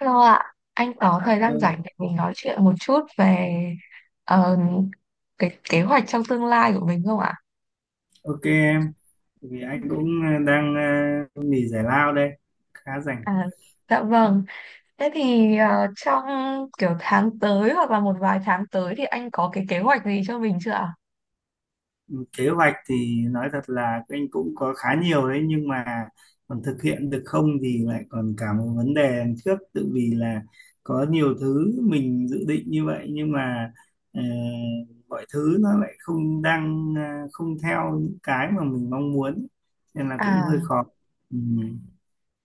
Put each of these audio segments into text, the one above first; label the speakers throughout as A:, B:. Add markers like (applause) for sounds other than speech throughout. A: Hello ạ, anh có thời gian
B: Ừ,
A: rảnh để mình nói chuyện một chút về ờ, cái kế hoạch trong tương lai của mình không ạ?
B: ok em, vì anh cũng đang nghỉ giải lao đây, khá rảnh.
A: À, dạ vâng. Thế thì trong kiểu tháng tới hoặc là một vài tháng tới thì anh có cái kế hoạch gì cho mình chưa ạ?
B: Kế hoạch thì nói thật là anh cũng có khá nhiều đấy, nhưng mà còn thực hiện được không thì lại còn cả một vấn đề đằng trước, tự vì là có nhiều thứ mình dự định như vậy nhưng mà ờ, mọi thứ nó lại không đang ờ, không theo những cái mà mình mong muốn nên là cũng hơi
A: À,
B: khó. Ừ.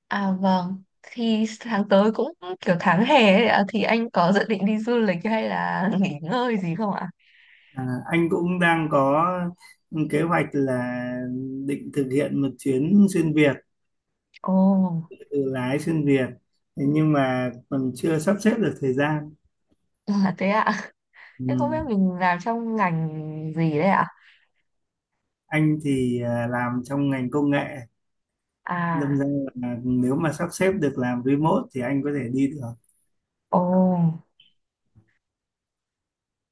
A: à vâng. Thì tháng tới cũng kiểu tháng hè ấy ạ, thì anh có dự định đi du lịch hay là (laughs) nghỉ ngơi gì không ạ?
B: À, anh cũng đang có kế hoạch là định thực hiện một chuyến xuyên Việt,
A: Ồ,
B: tự lái xuyên Việt, thế nhưng mà còn chưa sắp xếp được thời gian.
A: à, thế ạ.
B: Ừ.
A: Thế không biết mình làm trong ngành gì đấy ạ?
B: Anh thì làm trong ngành công nghệ, đâm
A: À,
B: ra là nếu mà sắp xếp được làm remote thì anh có thể đi được.
A: ồ.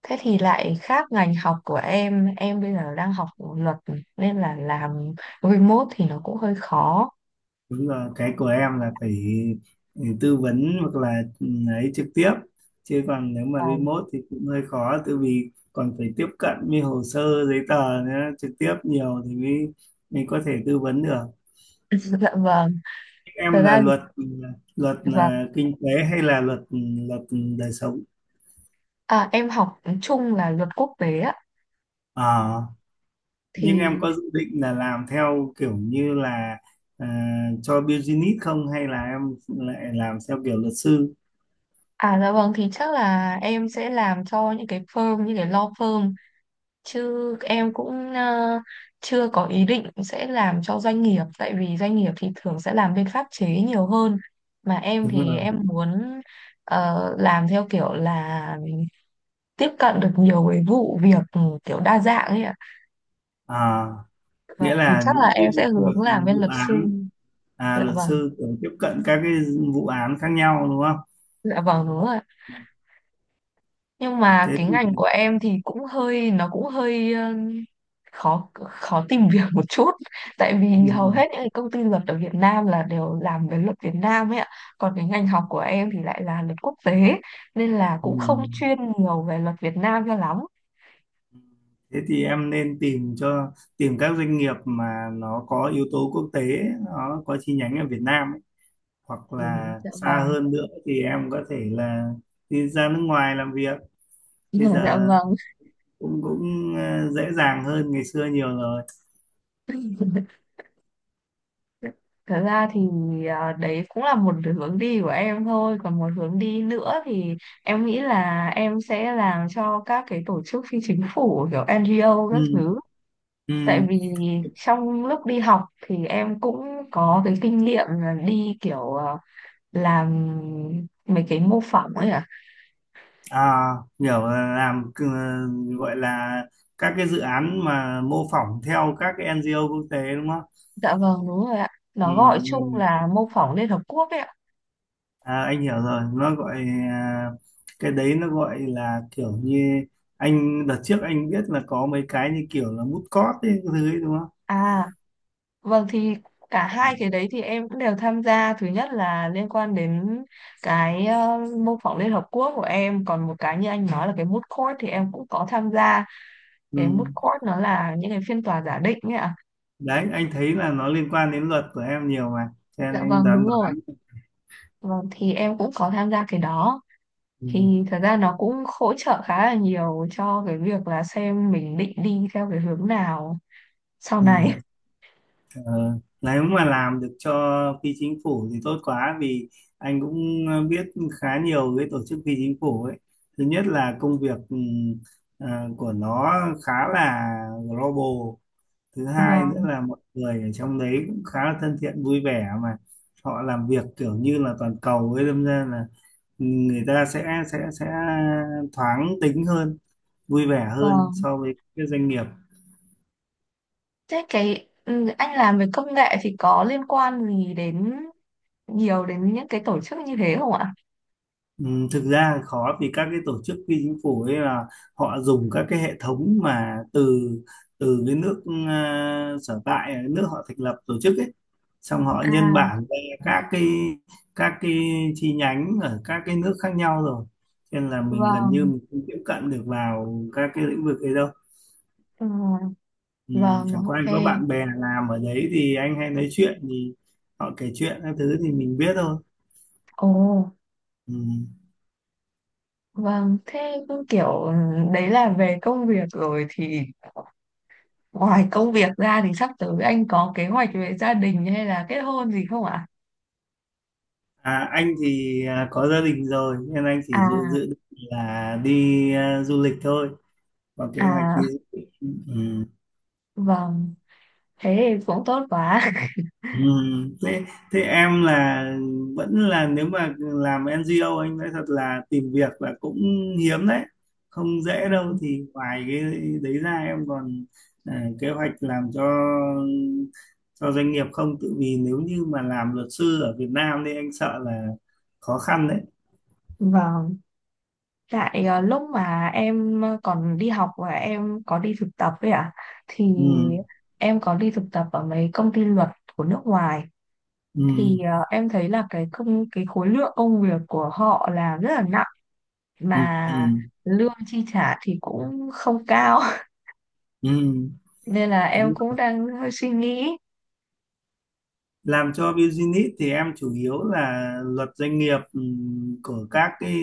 A: Thế thì lại khác ngành học của em bây giờ đang học luật nên là làm remote thì nó cũng hơi khó.
B: Đúng rồi, cái của em là phải tư vấn hoặc là ấy trực tiếp, chứ còn nếu mà
A: Vâng.
B: remote thì cũng hơi khó tại vì còn phải tiếp cận với hồ sơ giấy tờ nữa, trực tiếp nhiều thì mới mới có thể tư vấn được.
A: (laughs) Dạ vâng,
B: Em
A: thật
B: là
A: ra
B: luật
A: vâng.
B: là kinh tế hay là luật đời sống?
A: À, em học chung là luật quốc tế á
B: À, nhưng em
A: thì
B: có dự định là làm theo kiểu như là à, cho business không, hay là em lại làm theo kiểu luật sư?
A: à dạ vâng thì chắc là em sẽ làm cho những cái firm như cái law firm chứ em cũng chưa có ý định sẽ làm cho doanh nghiệp tại vì doanh nghiệp thì thường sẽ làm bên pháp chế nhiều hơn mà em
B: Đúng
A: thì
B: rồi,
A: em muốn làm theo kiểu là tiếp cận được nhiều cái vụ việc ừ, kiểu đa dạng ấy ạ.
B: à, nghĩa
A: Vâng, thì
B: là
A: chắc là
B: những cái
A: em sẽ
B: vụ
A: hướng làm
B: việc
A: bên
B: vụ
A: luật sư.
B: án,
A: Dạ
B: luật
A: vâng,
B: sư cũng tiếp cận các cái vụ án khác nhau đúng không?
A: dạ vâng đúng rồi. Nhưng mà
B: Thế
A: cái
B: thì
A: ngành của em thì cũng hơi nó cũng hơi khó khó tìm (laughs) việc một chút tại
B: ừ,
A: vì hầu hết những cái công ty luật ở Việt Nam là đều làm về luật Việt Nam ấy ạ. Còn cái ngành học của em thì lại là luật quốc tế nên là
B: ừ,
A: cũng không
B: ừ.
A: chuyên nhiều về luật Việt Nam cho lắm.
B: Thế thì em nên tìm các doanh nghiệp mà nó có yếu tố quốc tế, nó có chi nhánh ở Việt Nam ấy. Hoặc
A: Ừ,
B: là
A: dạ
B: xa
A: vâng.
B: hơn nữa thì em có thể là đi ra nước ngoài làm việc, bây
A: (laughs) Dạ
B: giờ
A: vâng.
B: cũng cũng ờ, dễ dàng hơn ngày xưa nhiều rồi.
A: Thật ra thì à, đấy cũng là một hướng đi của em thôi. Còn một hướng đi nữa thì em nghĩ là em sẽ làm cho các cái tổ chức phi chính phủ kiểu NGO các
B: Ừ,
A: thứ.
B: ừ.
A: Tại vì trong lúc đi học thì em cũng có cái kinh nghiệm là đi kiểu à, làm mấy cái mô phỏng ấy ạ.
B: À, hiểu là gọi là các cái dự án mà mô phỏng theo các cái NGO quốc tế đúng không?
A: Dạ vâng, đúng rồi ạ.
B: Ừ,
A: Nó gọi chung
B: ừ.
A: là mô phỏng Liên Hợp Quốc ấy ạ.
B: Anh hiểu rồi, à, cái đấy nó gọi là kiểu như anh đợt trước anh biết là có mấy cái như kiểu là mút cót ấy, cái thứ ấy đúng không?
A: À, vâng thì cả hai cái đấy thì em cũng đều tham gia. Thứ nhất là liên quan đến cái mô phỏng Liên Hợp Quốc của em. Còn một cái như anh nói là cái moot court thì em cũng có tham gia.
B: Ừ.
A: Cái moot court nó là những cái phiên tòa giả định ấy ạ.
B: Đấy, anh thấy là nó liên quan đến luật của em nhiều mà, cho nên
A: Dạ
B: anh
A: vâng đúng
B: đoán
A: rồi.
B: đoán.
A: Vâng thì em cũng có tham gia cái đó.
B: Ừ.
A: Thì thật ra nó cũng hỗ trợ khá là nhiều cho cái việc là xem mình định đi theo cái hướng nào sau
B: Ừ.
A: này.
B: Ờ, Nếu mà làm được cho phi chính phủ thì tốt quá, vì anh cũng biết khá nhiều cái tổ chức phi chính phủ ấy. Thứ nhất là công việc ờ, của nó khá là global. Thứ
A: (laughs)
B: hai nữa
A: Vâng,
B: là mọi người ở trong đấy cũng khá là thân thiện, vui vẻ, mà họ làm việc kiểu như là toàn cầu ấy, đâm ra là người ta sẽ thoáng tính hơn, vui vẻ hơn
A: vâng.
B: so với các doanh nghiệp.
A: Thế cái ừ, anh làm về công nghệ thì có liên quan gì đến nhiều đến những cái tổ chức như thế không ạ?
B: Ừ, thực ra khó, vì các cái tổ chức phi chính phủ ấy là họ dùng các cái hệ thống mà từ từ cái nước sở tại, cái nước họ thành lập tổ chức ấy, xong họ nhân
A: À,
B: bản ra các cái các cái chi nhánh ở các cái nước khác nhau rồi, cho nên là mình gần như
A: vâng,
B: mình không tiếp cận được vào các cái lĩnh vực ấy đâu.
A: ừ,
B: Ừ,
A: vâng,
B: chẳng qua
A: ok.
B: anh có bạn bè làm ở đấy thì anh hay nói chuyện, thì họ kể chuyện các thứ thì mình biết thôi.
A: Ồ,
B: Ừ.
A: vâng, thế cứ kiểu ừ, đấy là về công việc rồi thì ngoài công việc ra thì sắp tới anh có kế hoạch về gia đình hay là kết hôn gì không ạ?
B: À, anh thì có gia đình rồi nên anh chỉ dự dự
A: À,
B: định là đi du lịch thôi, có kế hoạch
A: à,
B: đi du lịch. Ừ.
A: vâng, thế thì cũng tốt quá. (laughs)
B: Ừ. Thế thế em là, vẫn là nếu mà làm NGO anh nói thật là tìm việc là cũng hiếm đấy, không
A: Ừ,
B: dễ đâu. Thì ngoài cái đấy ra em còn kế hoạch làm cho doanh nghiệp không, tự vì nếu như mà làm luật sư ở Việt Nam thì anh sợ là khó khăn đấy.
A: vâng, tại lúc mà em còn đi học và em có đi thực tập ấy ạ, thì
B: Ừ.
A: em có đi thực tập ở mấy công ty luật của nước ngoài
B: Ừ.
A: thì em thấy là cái khối lượng công việc của họ là rất là nặng
B: Ừ. Ừ.
A: mà lương chi trả thì cũng không cao (laughs)
B: Ừ,
A: nên là em
B: đúng
A: cũng
B: rồi.
A: đang hơi suy nghĩ
B: Làm cho business thì em chủ yếu là luật doanh nghiệp, của các cái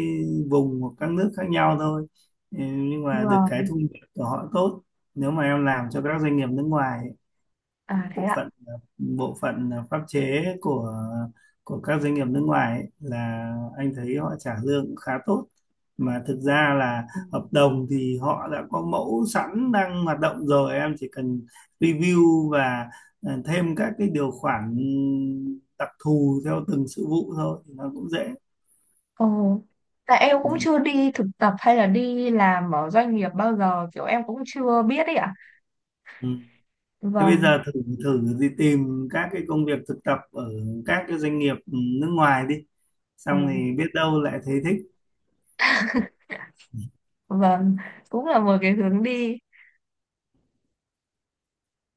B: vùng hoặc các nước khác nhau thôi. Ừ, nhưng mà được cái
A: vâng
B: thu nhập của họ tốt nếu mà em làm cho các doanh nghiệp nước ngoài.
A: à thế
B: bộ
A: ạ
B: phận bộ phận pháp chế của các doanh nghiệp nước ngoài ấy, là anh thấy họ trả lương cũng khá tốt, mà thực ra là
A: Ừ.
B: hợp đồng thì họ đã có mẫu sẵn đang hoạt động rồi, em chỉ cần review và thêm các cái điều khoản đặc thù theo từng sự vụ thôi thì nó cũng dễ.
A: Ồ tại em
B: Ừ.
A: cũng chưa đi thực tập hay là đi làm ở doanh nghiệp bao giờ kiểu em cũng chưa biết ấy ạ
B: Ừ. Thế bây
A: vâng
B: giờ thử thử đi tìm các cái công việc thực tập ở các cái doanh nghiệp nước ngoài đi,
A: ồ
B: xong thì biết đâu lại thấy thích.
A: vâng cũng là một cái hướng đi.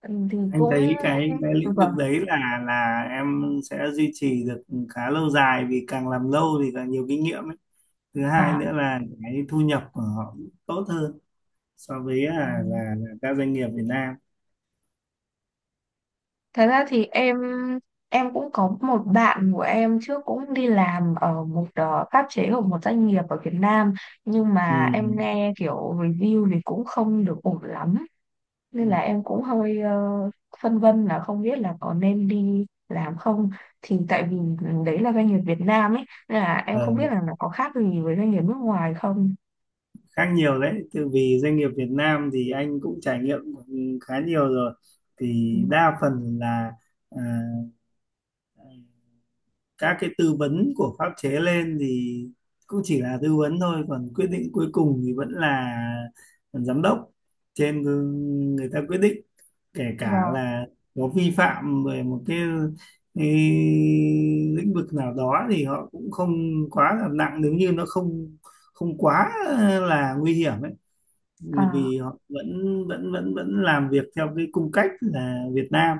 A: Ừ, thì
B: Anh
A: cũng
B: thấy cái lĩnh vực
A: vâng
B: đấy là em sẽ duy trì được khá lâu dài, vì càng làm lâu thì càng nhiều kinh nghiệm ấy. Thứ hai
A: à
B: nữa là cái thu nhập của họ tốt hơn so với
A: ừ.
B: là các doanh nghiệp Việt Nam.
A: Thật ra thì em cũng có một bạn của em trước cũng đi làm ở một pháp chế của một doanh nghiệp ở Việt Nam nhưng
B: Ừ.
A: mà em nghe kiểu review thì cũng không được ổn lắm
B: Ừ.
A: nên là em cũng hơi phân vân là không biết là có nên đi làm không thì tại vì đấy là doanh nghiệp Việt Nam ấy nên là em không
B: Ờ,
A: biết là nó có khác gì với doanh nghiệp nước ngoài không.
B: Khác nhiều đấy, từ vì doanh nghiệp Việt Nam thì anh cũng trải nghiệm khá nhiều rồi, thì
A: Ừ,
B: đa phần là à, các cái tư vấn của pháp chế lên thì cũng chỉ là tư vấn thôi, còn quyết định cuối cùng thì vẫn là giám đốc trên, người ta quyết định. Kể cả
A: vâng.
B: là có vi phạm về một cái lĩnh vực nào đó thì họ cũng không quá là nặng, nếu như nó không không quá là nguy hiểm ấy,
A: À,
B: vì họ vẫn vẫn vẫn vẫn làm việc theo cái cung cách là Việt Nam,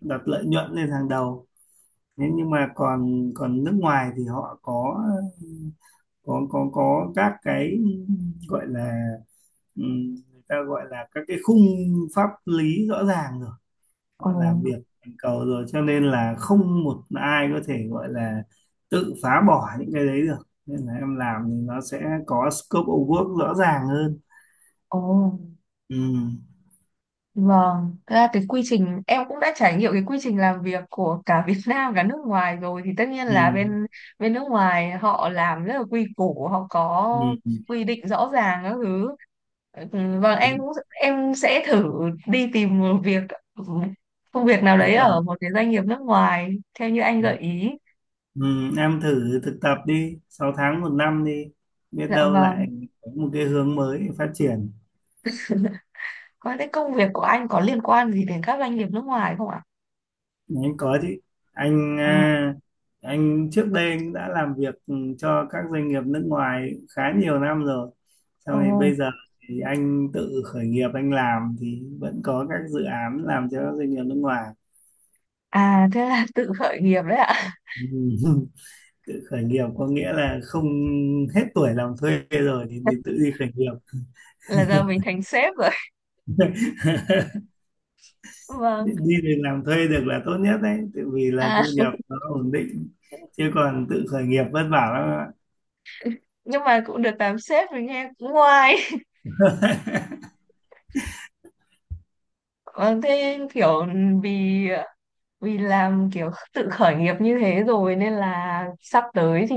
B: đặt lợi nhuận lên hàng đầu. Thế nhưng mà còn còn nước ngoài thì họ có các cái, gọi là người ta gọi là các cái khung pháp lý rõ ràng rồi,
A: ồ,
B: họ làm việc toàn cầu rồi cho nên là không một ai có thể gọi là tự phá bỏ những cái đấy được, nên là em làm thì nó sẽ có scope of work rõ ràng hơn.
A: ồ.
B: Ừ,
A: Vâng, thật ra cái quy trình em cũng đã trải nghiệm cái quy trình làm việc của cả Việt (laughs) Nam cả nước ngoài rồi thì tất nhiên là
B: ừ,
A: bên bên nước ngoài họ làm rất là quy củ, họ
B: ừ,
A: có
B: ừ.
A: quy định rõ ràng các thứ. Ừ, vâng, em
B: Đúng,
A: cũng em sẽ thử đi tìm một việc công việc nào
B: đúng
A: đấy
B: rồi.
A: ở một cái doanh nghiệp nước ngoài theo như anh
B: Ừ.
A: gợi ý.
B: Ừ, em thử thực tập đi 6 tháng một năm đi, biết
A: Dạ
B: đâu lại
A: vâng.
B: có một cái hướng mới để phát triển.
A: Có cái công việc của anh có liên quan gì đến các doanh nghiệp nước ngoài không ạ?
B: Anh có chứ, anh
A: À,
B: à, anh trước đây anh đã làm việc cho các doanh nghiệp nước ngoài khá nhiều năm rồi, sau này
A: ồ,
B: bây giờ thì anh tự khởi nghiệp, anh làm thì vẫn có các dự án làm cho các doanh nghiệp nước ngoài.
A: à thế là tự khởi nghiệp đấy ạ.
B: Ừ. (laughs) Tự khởi nghiệp có nghĩa là không, hết tuổi làm thuê rồi thì, tự
A: (laughs)
B: đi khởi nghiệp.
A: Là giờ mình thành sếp rồi.
B: (laughs) đi
A: Vâng.
B: đi làm thuê được là tốt nhất đấy, tại vì là
A: À,
B: thu nhập nó ổn định, chứ còn tự khởi nghiệp vất vả lắm ạ.
A: nhưng mà cũng được làm sếp rồi nghe cũng ngoai. (laughs) Vâng thế kiểu vì vì làm kiểu tự khởi nghiệp như thế rồi nên là sắp tới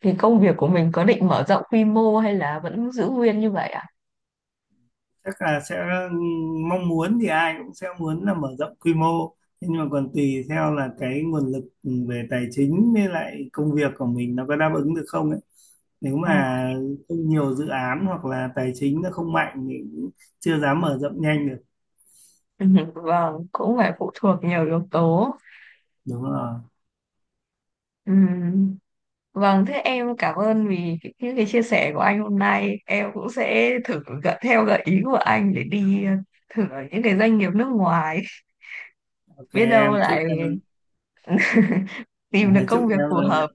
A: thì công việc của mình có định mở rộng quy mô hay là vẫn giữ nguyên như vậy ạ?
B: Chắc là sẽ, mong muốn thì ai cũng sẽ muốn là mở rộng quy mô. Thế nhưng mà còn tùy theo là cái nguồn lực về tài chính với lại công việc của mình nó có đáp ứng được không ấy, nếu
A: À?
B: mà không nhiều dự án hoặc là tài chính nó không mạnh thì cũng chưa dám mở rộng nhanh được.
A: (laughs) Vâng cũng phải phụ thuộc nhiều yếu tố.
B: Đúng rồi,
A: Ừm, vâng thế em cảm ơn vì những cái chia sẻ của anh hôm nay em cũng sẽ thử gợi theo gợi ý của anh để đi thử ở những cái doanh nghiệp nước ngoài (laughs)
B: ok
A: biết đâu
B: em, chúc
A: lại
B: em
A: (laughs) tìm được
B: (laughs) chúc
A: công việc
B: em
A: phù
B: rồi
A: hợp.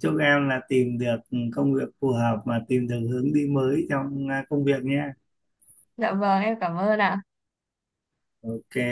B: chúc em là tìm được công việc phù hợp, mà tìm được hướng đi mới trong công việc nhé.
A: Dạ vâng em cảm ơn ạ.
B: Ok.